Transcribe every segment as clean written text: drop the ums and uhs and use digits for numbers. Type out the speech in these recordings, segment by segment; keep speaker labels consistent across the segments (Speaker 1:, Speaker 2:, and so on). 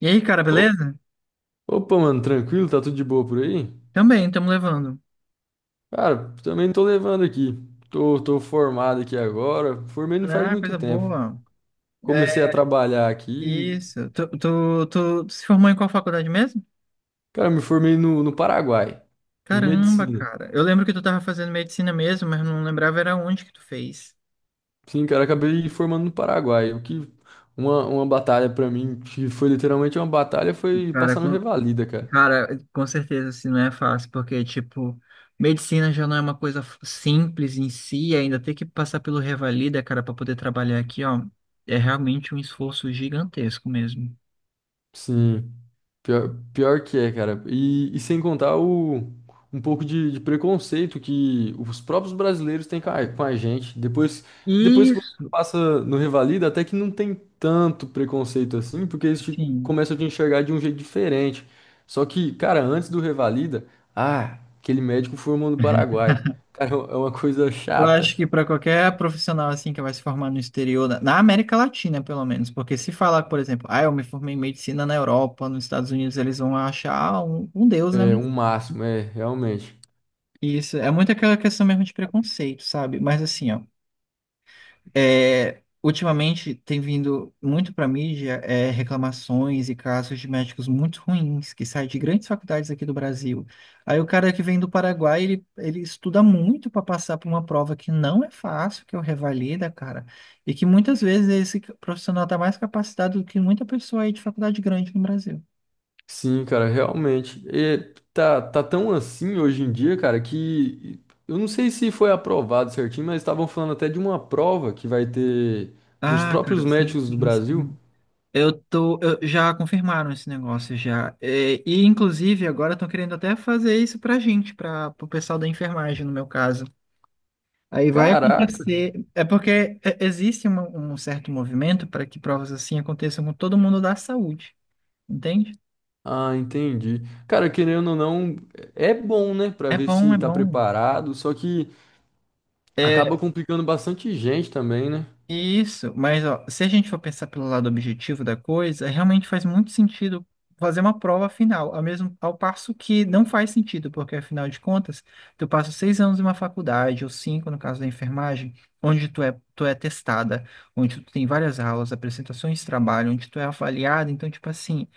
Speaker 1: E aí, cara,
Speaker 2: Ô-
Speaker 1: beleza?
Speaker 2: Mano, tranquilo? Tá tudo de boa por aí?
Speaker 1: Também, estamos levando.
Speaker 2: Cara, também tô levando aqui. Tô formado aqui agora. Formei não faz
Speaker 1: Ah,
Speaker 2: muito
Speaker 1: coisa
Speaker 2: tempo.
Speaker 1: boa.
Speaker 2: Comecei a
Speaker 1: É
Speaker 2: trabalhar aqui.
Speaker 1: isso. Tu se formou em qual faculdade mesmo?
Speaker 2: Cara, me formei no Paraguai, em
Speaker 1: Caramba,
Speaker 2: medicina.
Speaker 1: cara. Eu lembro que tu tava fazendo medicina mesmo, mas não lembrava era onde que tu fez.
Speaker 2: Sim, cara, acabei formando no Paraguai. O que uma batalha pra mim, que foi literalmente uma batalha, foi
Speaker 1: Cara,
Speaker 2: passar no
Speaker 1: com,
Speaker 2: Revalida, cara.
Speaker 1: cara, com certeza assim não é fácil, porque, tipo, medicina já não é uma coisa simples em si, ainda ter que passar pelo Revalida, cara, para poder trabalhar aqui, ó, é realmente um esforço gigantesco mesmo.
Speaker 2: Sim. Pior que é, cara. E sem contar o, um pouco de preconceito que os próprios brasileiros têm com com a gente. Depois que você
Speaker 1: Isso,
Speaker 2: passa no Revalida, até que não tem tanto preconceito assim, porque eles te,
Speaker 1: sim.
Speaker 2: começam a te enxergar de um jeito diferente. Só que, cara, antes do Revalida, ah, aquele médico formou no Paraguai. Cara, é uma coisa
Speaker 1: Eu
Speaker 2: chata.
Speaker 1: acho que para qualquer profissional assim que vai se formar no exterior, na América Latina, pelo menos, porque se falar, por exemplo, ah, eu me formei em medicina na Europa, nos Estados Unidos, eles vão achar ah, um deus, né?
Speaker 2: É, um máximo, é, realmente.
Speaker 1: Isso é muito aquela questão mesmo de preconceito, sabe? Mas assim, ó. É, ultimamente tem vindo muito para a mídia é, reclamações e casos de médicos muito ruins que saem de grandes faculdades aqui do Brasil. Aí o cara que vem do Paraguai, ele estuda muito para passar por uma prova que não é fácil, que é o Revalida, cara, e que muitas vezes esse profissional está mais capacitado do que muita pessoa aí de faculdade grande no Brasil.
Speaker 2: Sim, cara, realmente. E tá tão assim hoje em dia, cara, que eu não sei se foi aprovado certinho, mas estavam falando até de uma prova que vai ter para os
Speaker 1: Ah,
Speaker 2: próprios
Speaker 1: cara, sim,
Speaker 2: médicos do
Speaker 1: sim,
Speaker 2: Brasil.
Speaker 1: sim. Já confirmaram esse negócio já. É, e inclusive agora estão querendo até fazer isso pra gente, para o pessoal da enfermagem, no meu caso. Aí vai
Speaker 2: Caraca!
Speaker 1: acontecer, é porque é, existe um certo movimento para que provas assim aconteçam com todo mundo da saúde, entende?
Speaker 2: Ah, entendi. Cara, querendo ou não, é bom, né, pra
Speaker 1: É
Speaker 2: ver
Speaker 1: bom,
Speaker 2: se
Speaker 1: é
Speaker 2: tá
Speaker 1: bom.
Speaker 2: preparado, só que acaba complicando bastante gente também, né?
Speaker 1: Isso, mas ó, se a gente for pensar pelo lado objetivo da coisa, realmente faz muito sentido fazer uma prova final, ao passo que não faz sentido, porque afinal de contas, tu passa seis anos em uma faculdade, ou cinco no caso da enfermagem, onde tu é testada, onde tu tem várias aulas, apresentações de trabalho, onde tu é avaliada, então tipo assim,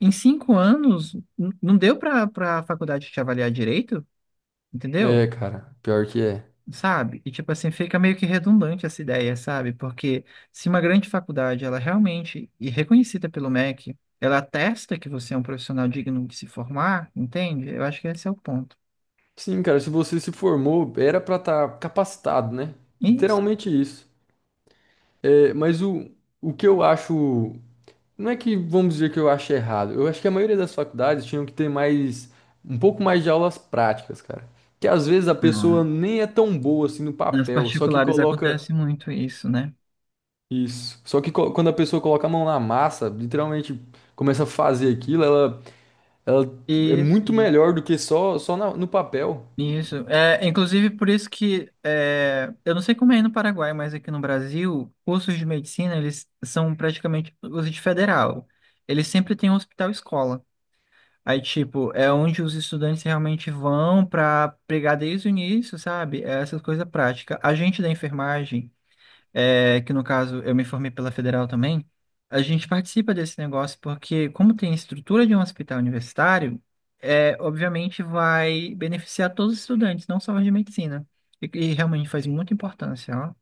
Speaker 1: em cinco anos não deu para a faculdade te avaliar direito, entendeu?
Speaker 2: É, cara, pior que é.
Speaker 1: Sabe? E tipo assim, fica meio que redundante essa ideia, sabe? Porque se uma grande faculdade, ela realmente, e reconhecida pelo MEC, ela atesta que você é um profissional digno de se formar, entende? Eu acho que esse é o ponto.
Speaker 2: Sim, cara, se você se formou, era pra estar capacitado, né?
Speaker 1: Isso.
Speaker 2: Literalmente isso. É, mas o que eu acho. Não é que vamos dizer que eu acho errado. Eu acho que a maioria das faculdades tinham que ter mais. Um pouco mais de aulas práticas, cara. Que às vezes a
Speaker 1: Ah,
Speaker 2: pessoa nem é tão boa assim no
Speaker 1: nas
Speaker 2: papel, só que
Speaker 1: particulares
Speaker 2: coloca.
Speaker 1: acontece muito isso, né?
Speaker 2: Isso. Só que co- quando a pessoa coloca a mão na massa, literalmente começa a fazer aquilo, ela é
Speaker 1: Isso,
Speaker 2: muito
Speaker 1: e-
Speaker 2: melhor do que só, só na- no papel.
Speaker 1: isso. É, inclusive, por isso que, é, eu não sei como é aí no Paraguai, mas aqui no Brasil, cursos de medicina, eles são praticamente os de federal. Eles sempre têm um hospital-escola. Aí, tipo, é onde os estudantes realmente vão para pegar desde o início, sabe? É essas coisas práticas. A gente da enfermagem, é, que no caso eu me formei pela Federal também, a gente participa desse negócio porque, como tem a estrutura de um hospital universitário, é, obviamente vai beneficiar todos os estudantes, não só os de medicina. E realmente faz muita importância, ó.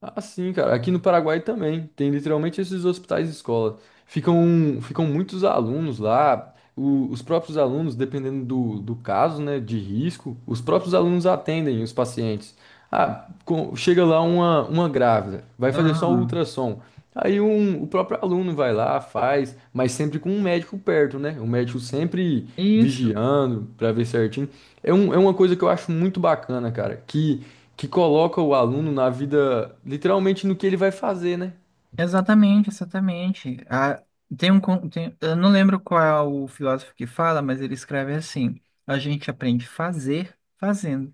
Speaker 2: Ah, sim, cara. Aqui no Paraguai também tem literalmente esses hospitais escola. Ficam muitos alunos lá. O- os próprios alunos, dependendo do caso, né, de risco, os próprios alunos atendem os pacientes. Ah, com- chega lá uma grávida, vai fazer só o
Speaker 1: Aham.
Speaker 2: ultrassom. Aí um, o próprio aluno vai lá, faz, mas sempre com um médico perto, né? O médico sempre
Speaker 1: Isso.
Speaker 2: vigiando para ver certinho. É, um, é uma coisa que eu acho muito bacana, cara, que coloca o aluno na vida, literalmente no que ele vai fazer, né?
Speaker 1: Exatamente, exatamente. Ah, tem um, con- tem- eu não lembro qual é o filósofo que fala, mas ele escreve assim: a gente aprende a fazer fazendo.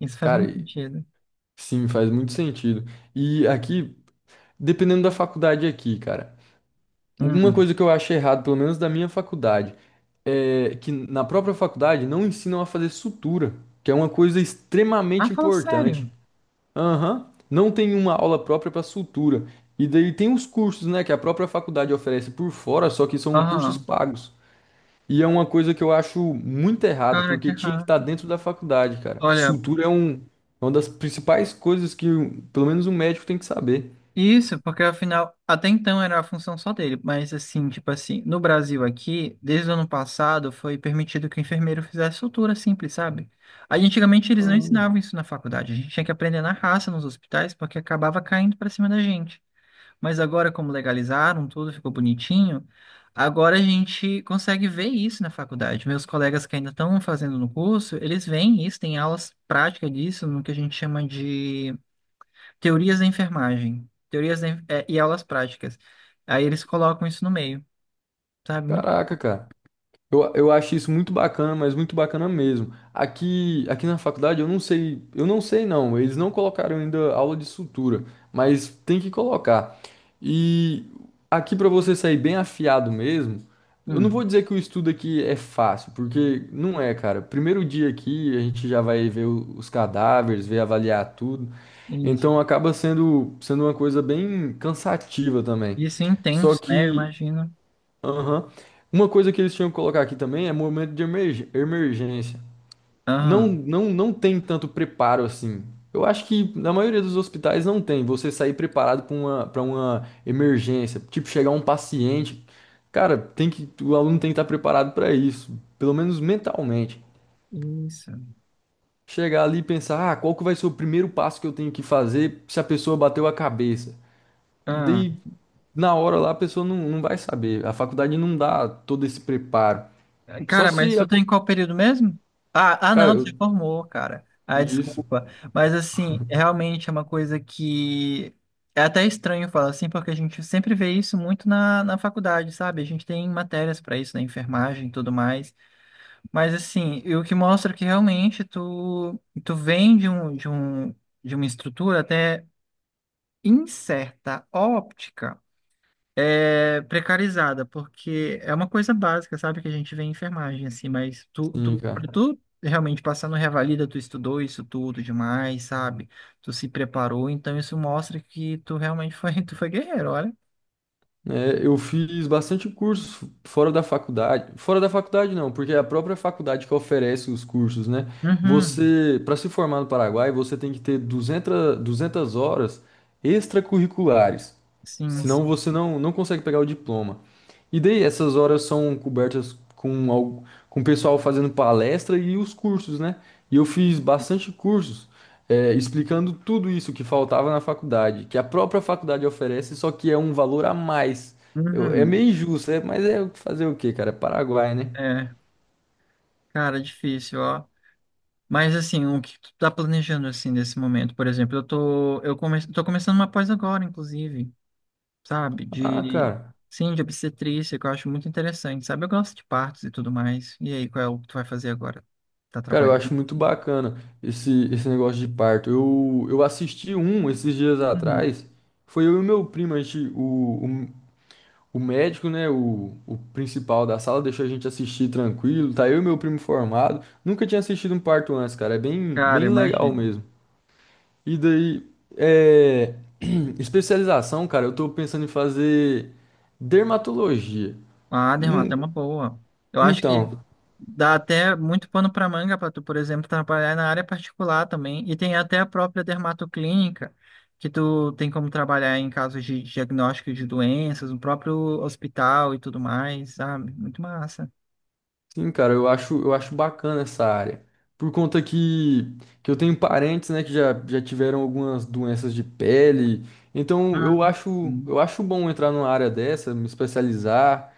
Speaker 1: Isso faz
Speaker 2: Cara,
Speaker 1: muito
Speaker 2: e-
Speaker 1: sentido.
Speaker 2: sim, faz muito sentido. E aqui, dependendo da faculdade aqui, cara, uma
Speaker 1: Hum.
Speaker 2: coisa que eu acho errado, pelo menos da minha faculdade, é que na própria faculdade não ensinam a fazer sutura, que é uma coisa
Speaker 1: Ah,
Speaker 2: extremamente
Speaker 1: fala
Speaker 2: importante.
Speaker 1: sério.
Speaker 2: Aham, não tem uma aula própria para sutura. E daí tem os cursos, né, que a própria faculdade oferece por fora, só que são cursos
Speaker 1: Aham.
Speaker 2: pagos. E é uma coisa que eu acho muito errado,
Speaker 1: Cara, que
Speaker 2: porque tinha que estar
Speaker 1: errado.
Speaker 2: dentro da faculdade, cara.
Speaker 1: Olha,
Speaker 2: Sutura é um, é uma das principais coisas que um- pelo menos um médico tem que saber.
Speaker 1: isso, porque afinal, até então era a função só dele, mas assim, tipo assim, no Brasil aqui, desde o ano passado, foi permitido que o enfermeiro fizesse sutura simples, sabe? Aí antigamente eles não ensinavam isso na faculdade, a gente tinha que aprender na raça nos hospitais, porque acabava caindo pra cima da gente. Mas agora, como legalizaram tudo, ficou bonitinho, agora a gente consegue ver isso na faculdade. Meus colegas que ainda estão fazendo no curso, eles veem isso, tem aulas práticas disso, no que a gente chama de teorias da enfermagem, é, e aulas práticas. Aí eles colocam isso no meio, sabe? Muito
Speaker 2: Caraca,
Speaker 1: legal.
Speaker 2: cara. Eu acho isso muito bacana, mas muito bacana mesmo. Aqui na faculdade eu não sei não, eles não colocaram ainda aula de sutura, mas tem que colocar. E aqui para você sair bem afiado mesmo, eu não vou
Speaker 1: Hum,
Speaker 2: dizer que o estudo aqui é fácil, porque não é, cara. Primeiro dia aqui a gente já vai ver o- os cadáveres, ver avaliar tudo.
Speaker 1: isso.
Speaker 2: Então acaba sendo uma coisa bem cansativa também.
Speaker 1: Isso é
Speaker 2: Só
Speaker 1: intenso, né? Eu
Speaker 2: que
Speaker 1: imagino.
Speaker 2: Aham. Uma coisa que eles tinham que colocar aqui também é momento de emerg- emergência. Não,
Speaker 1: Ah,
Speaker 2: não, não tem tanto preparo assim. Eu acho que na maioria dos hospitais não tem. Você sair preparado para uma emergência, tipo chegar um paciente, cara, tem que o aluno tem que estar preparado para isso, pelo menos mentalmente.
Speaker 1: isso.
Speaker 2: Chegar ali e pensar, ah, qual que vai ser o primeiro passo que eu tenho que fazer se a pessoa bateu a cabeça?
Speaker 1: Ah,
Speaker 2: Daí, na hora lá, a pessoa não vai saber. A faculdade não dá todo esse preparo. Só
Speaker 1: cara, mas
Speaker 2: se.
Speaker 1: tu tá
Speaker 2: Acon-
Speaker 1: em qual período mesmo? Ah,
Speaker 2: Cara,
Speaker 1: não,
Speaker 2: eu...
Speaker 1: você formou, cara. Ah,
Speaker 2: isso.
Speaker 1: desculpa. Mas assim, realmente é uma coisa que é até estranho falar assim, porque a gente sempre vê isso muito na faculdade, sabe? A gente tem matérias para isso, na enfermagem e tudo mais. Mas assim, e o que mostra que realmente tu vem de uma estrutura até em certa óptica é precarizada, porque é uma coisa básica, sabe? Que a gente vê em enfermagem, assim, mas
Speaker 2: Sim,
Speaker 1: tu, pra
Speaker 2: cara.
Speaker 1: tu realmente passar no Revalida, tu estudou isso tudo demais, sabe? Tu se preparou, então isso mostra que tu realmente foi, tu foi guerreiro, olha.
Speaker 2: É, eu fiz bastante cursos fora da faculdade. Fora da faculdade, não, porque é a própria faculdade que oferece os cursos, né?
Speaker 1: Uhum,
Speaker 2: Você, para se formar no Paraguai, você tem que ter duzentas horas extracurriculares.
Speaker 1: sim, sim.
Speaker 2: Senão você não consegue pegar o diploma. E daí essas horas são cobertas com, al- com o pessoal fazendo palestra e os cursos, né? E eu fiz bastante cursos, é, explicando tudo isso que faltava na faculdade, que a própria faculdade oferece, só que é um valor a mais. Eu- é
Speaker 1: Uhum.
Speaker 2: meio injusto, é, mas é fazer o quê, cara? É Paraguai, né?
Speaker 1: É, cara, difícil, ó. Mas assim, o que tu tá planejando assim nesse momento? Por exemplo, eu tô eu come, tô começando uma pós agora, inclusive, sabe?
Speaker 2: Ah,
Speaker 1: De
Speaker 2: cara.
Speaker 1: sim, de obstetrícia, que eu acho muito interessante, sabe? Eu gosto de partos e tudo mais. E aí, qual é o que tu vai fazer agora? Tá
Speaker 2: Cara, eu
Speaker 1: trabalhando?
Speaker 2: acho muito bacana esse, esse negócio de parto. Eu assisti um esses dias
Speaker 1: Uhum.
Speaker 2: atrás. Foi eu e meu primo, a gente, o médico, né, o principal da sala, deixou a gente assistir tranquilo. Tá eu e meu primo formado. Nunca tinha assistido um parto antes, cara. É bem,
Speaker 1: Cara,
Speaker 2: bem legal
Speaker 1: imagina.
Speaker 2: mesmo. E daí, é... especialização, cara, eu tô pensando em fazer dermatologia.
Speaker 1: Ah, Dermata, é uma boa. Eu acho que
Speaker 2: Então,
Speaker 1: dá até muito pano para manga para tu, por exemplo, trabalhar na área particular também. E tem até a própria dermatoclínica, que tu tem como trabalhar em casos de diagnóstico de doenças, no próprio hospital e tudo mais, sabe? Muito massa.
Speaker 2: sim, cara, eu acho bacana essa área. Por conta que eu tenho parentes, né, que já, já tiveram algumas doenças de pele. Então,
Speaker 1: Ah, sim.
Speaker 2: eu acho bom entrar numa área dessa, me especializar.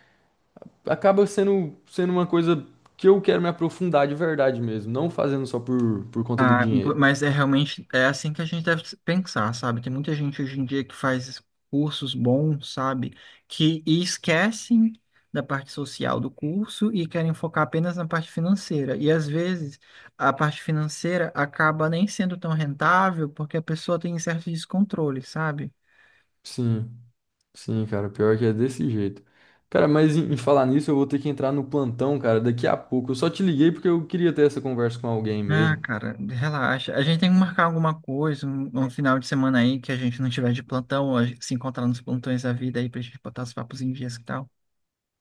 Speaker 2: Acaba sendo uma coisa que eu quero me aprofundar de verdade mesmo, não fazendo só por conta do
Speaker 1: Ah,
Speaker 2: dinheiro.
Speaker 1: mas é realmente é assim que a gente deve pensar, sabe? Tem muita gente hoje em dia que faz cursos bons, sabe? Que e esquecem da parte social do curso e querem focar apenas na parte financeira. E às vezes a parte financeira acaba nem sendo tão rentável porque a pessoa tem certo descontrole, sabe?
Speaker 2: Sim, sim, cara, pior que é desse jeito. Cara, mas em falar nisso, eu vou ter que entrar no plantão, cara, daqui a pouco. Eu só te liguei porque eu queria ter essa conversa com alguém
Speaker 1: Ah,
Speaker 2: mesmo.
Speaker 1: cara, relaxa. A gente tem que marcar alguma coisa, um final de semana aí que a gente não tiver de plantão, a gente se encontrar nos plantões da vida aí pra gente botar os papos em dias e tal.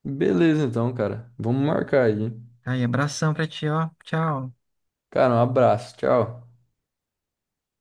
Speaker 2: Beleza, então, cara. Vamos marcar aí, hein?
Speaker 1: Aí, abração pra ti, ó. Tchau.
Speaker 2: Cara, um abraço, tchau.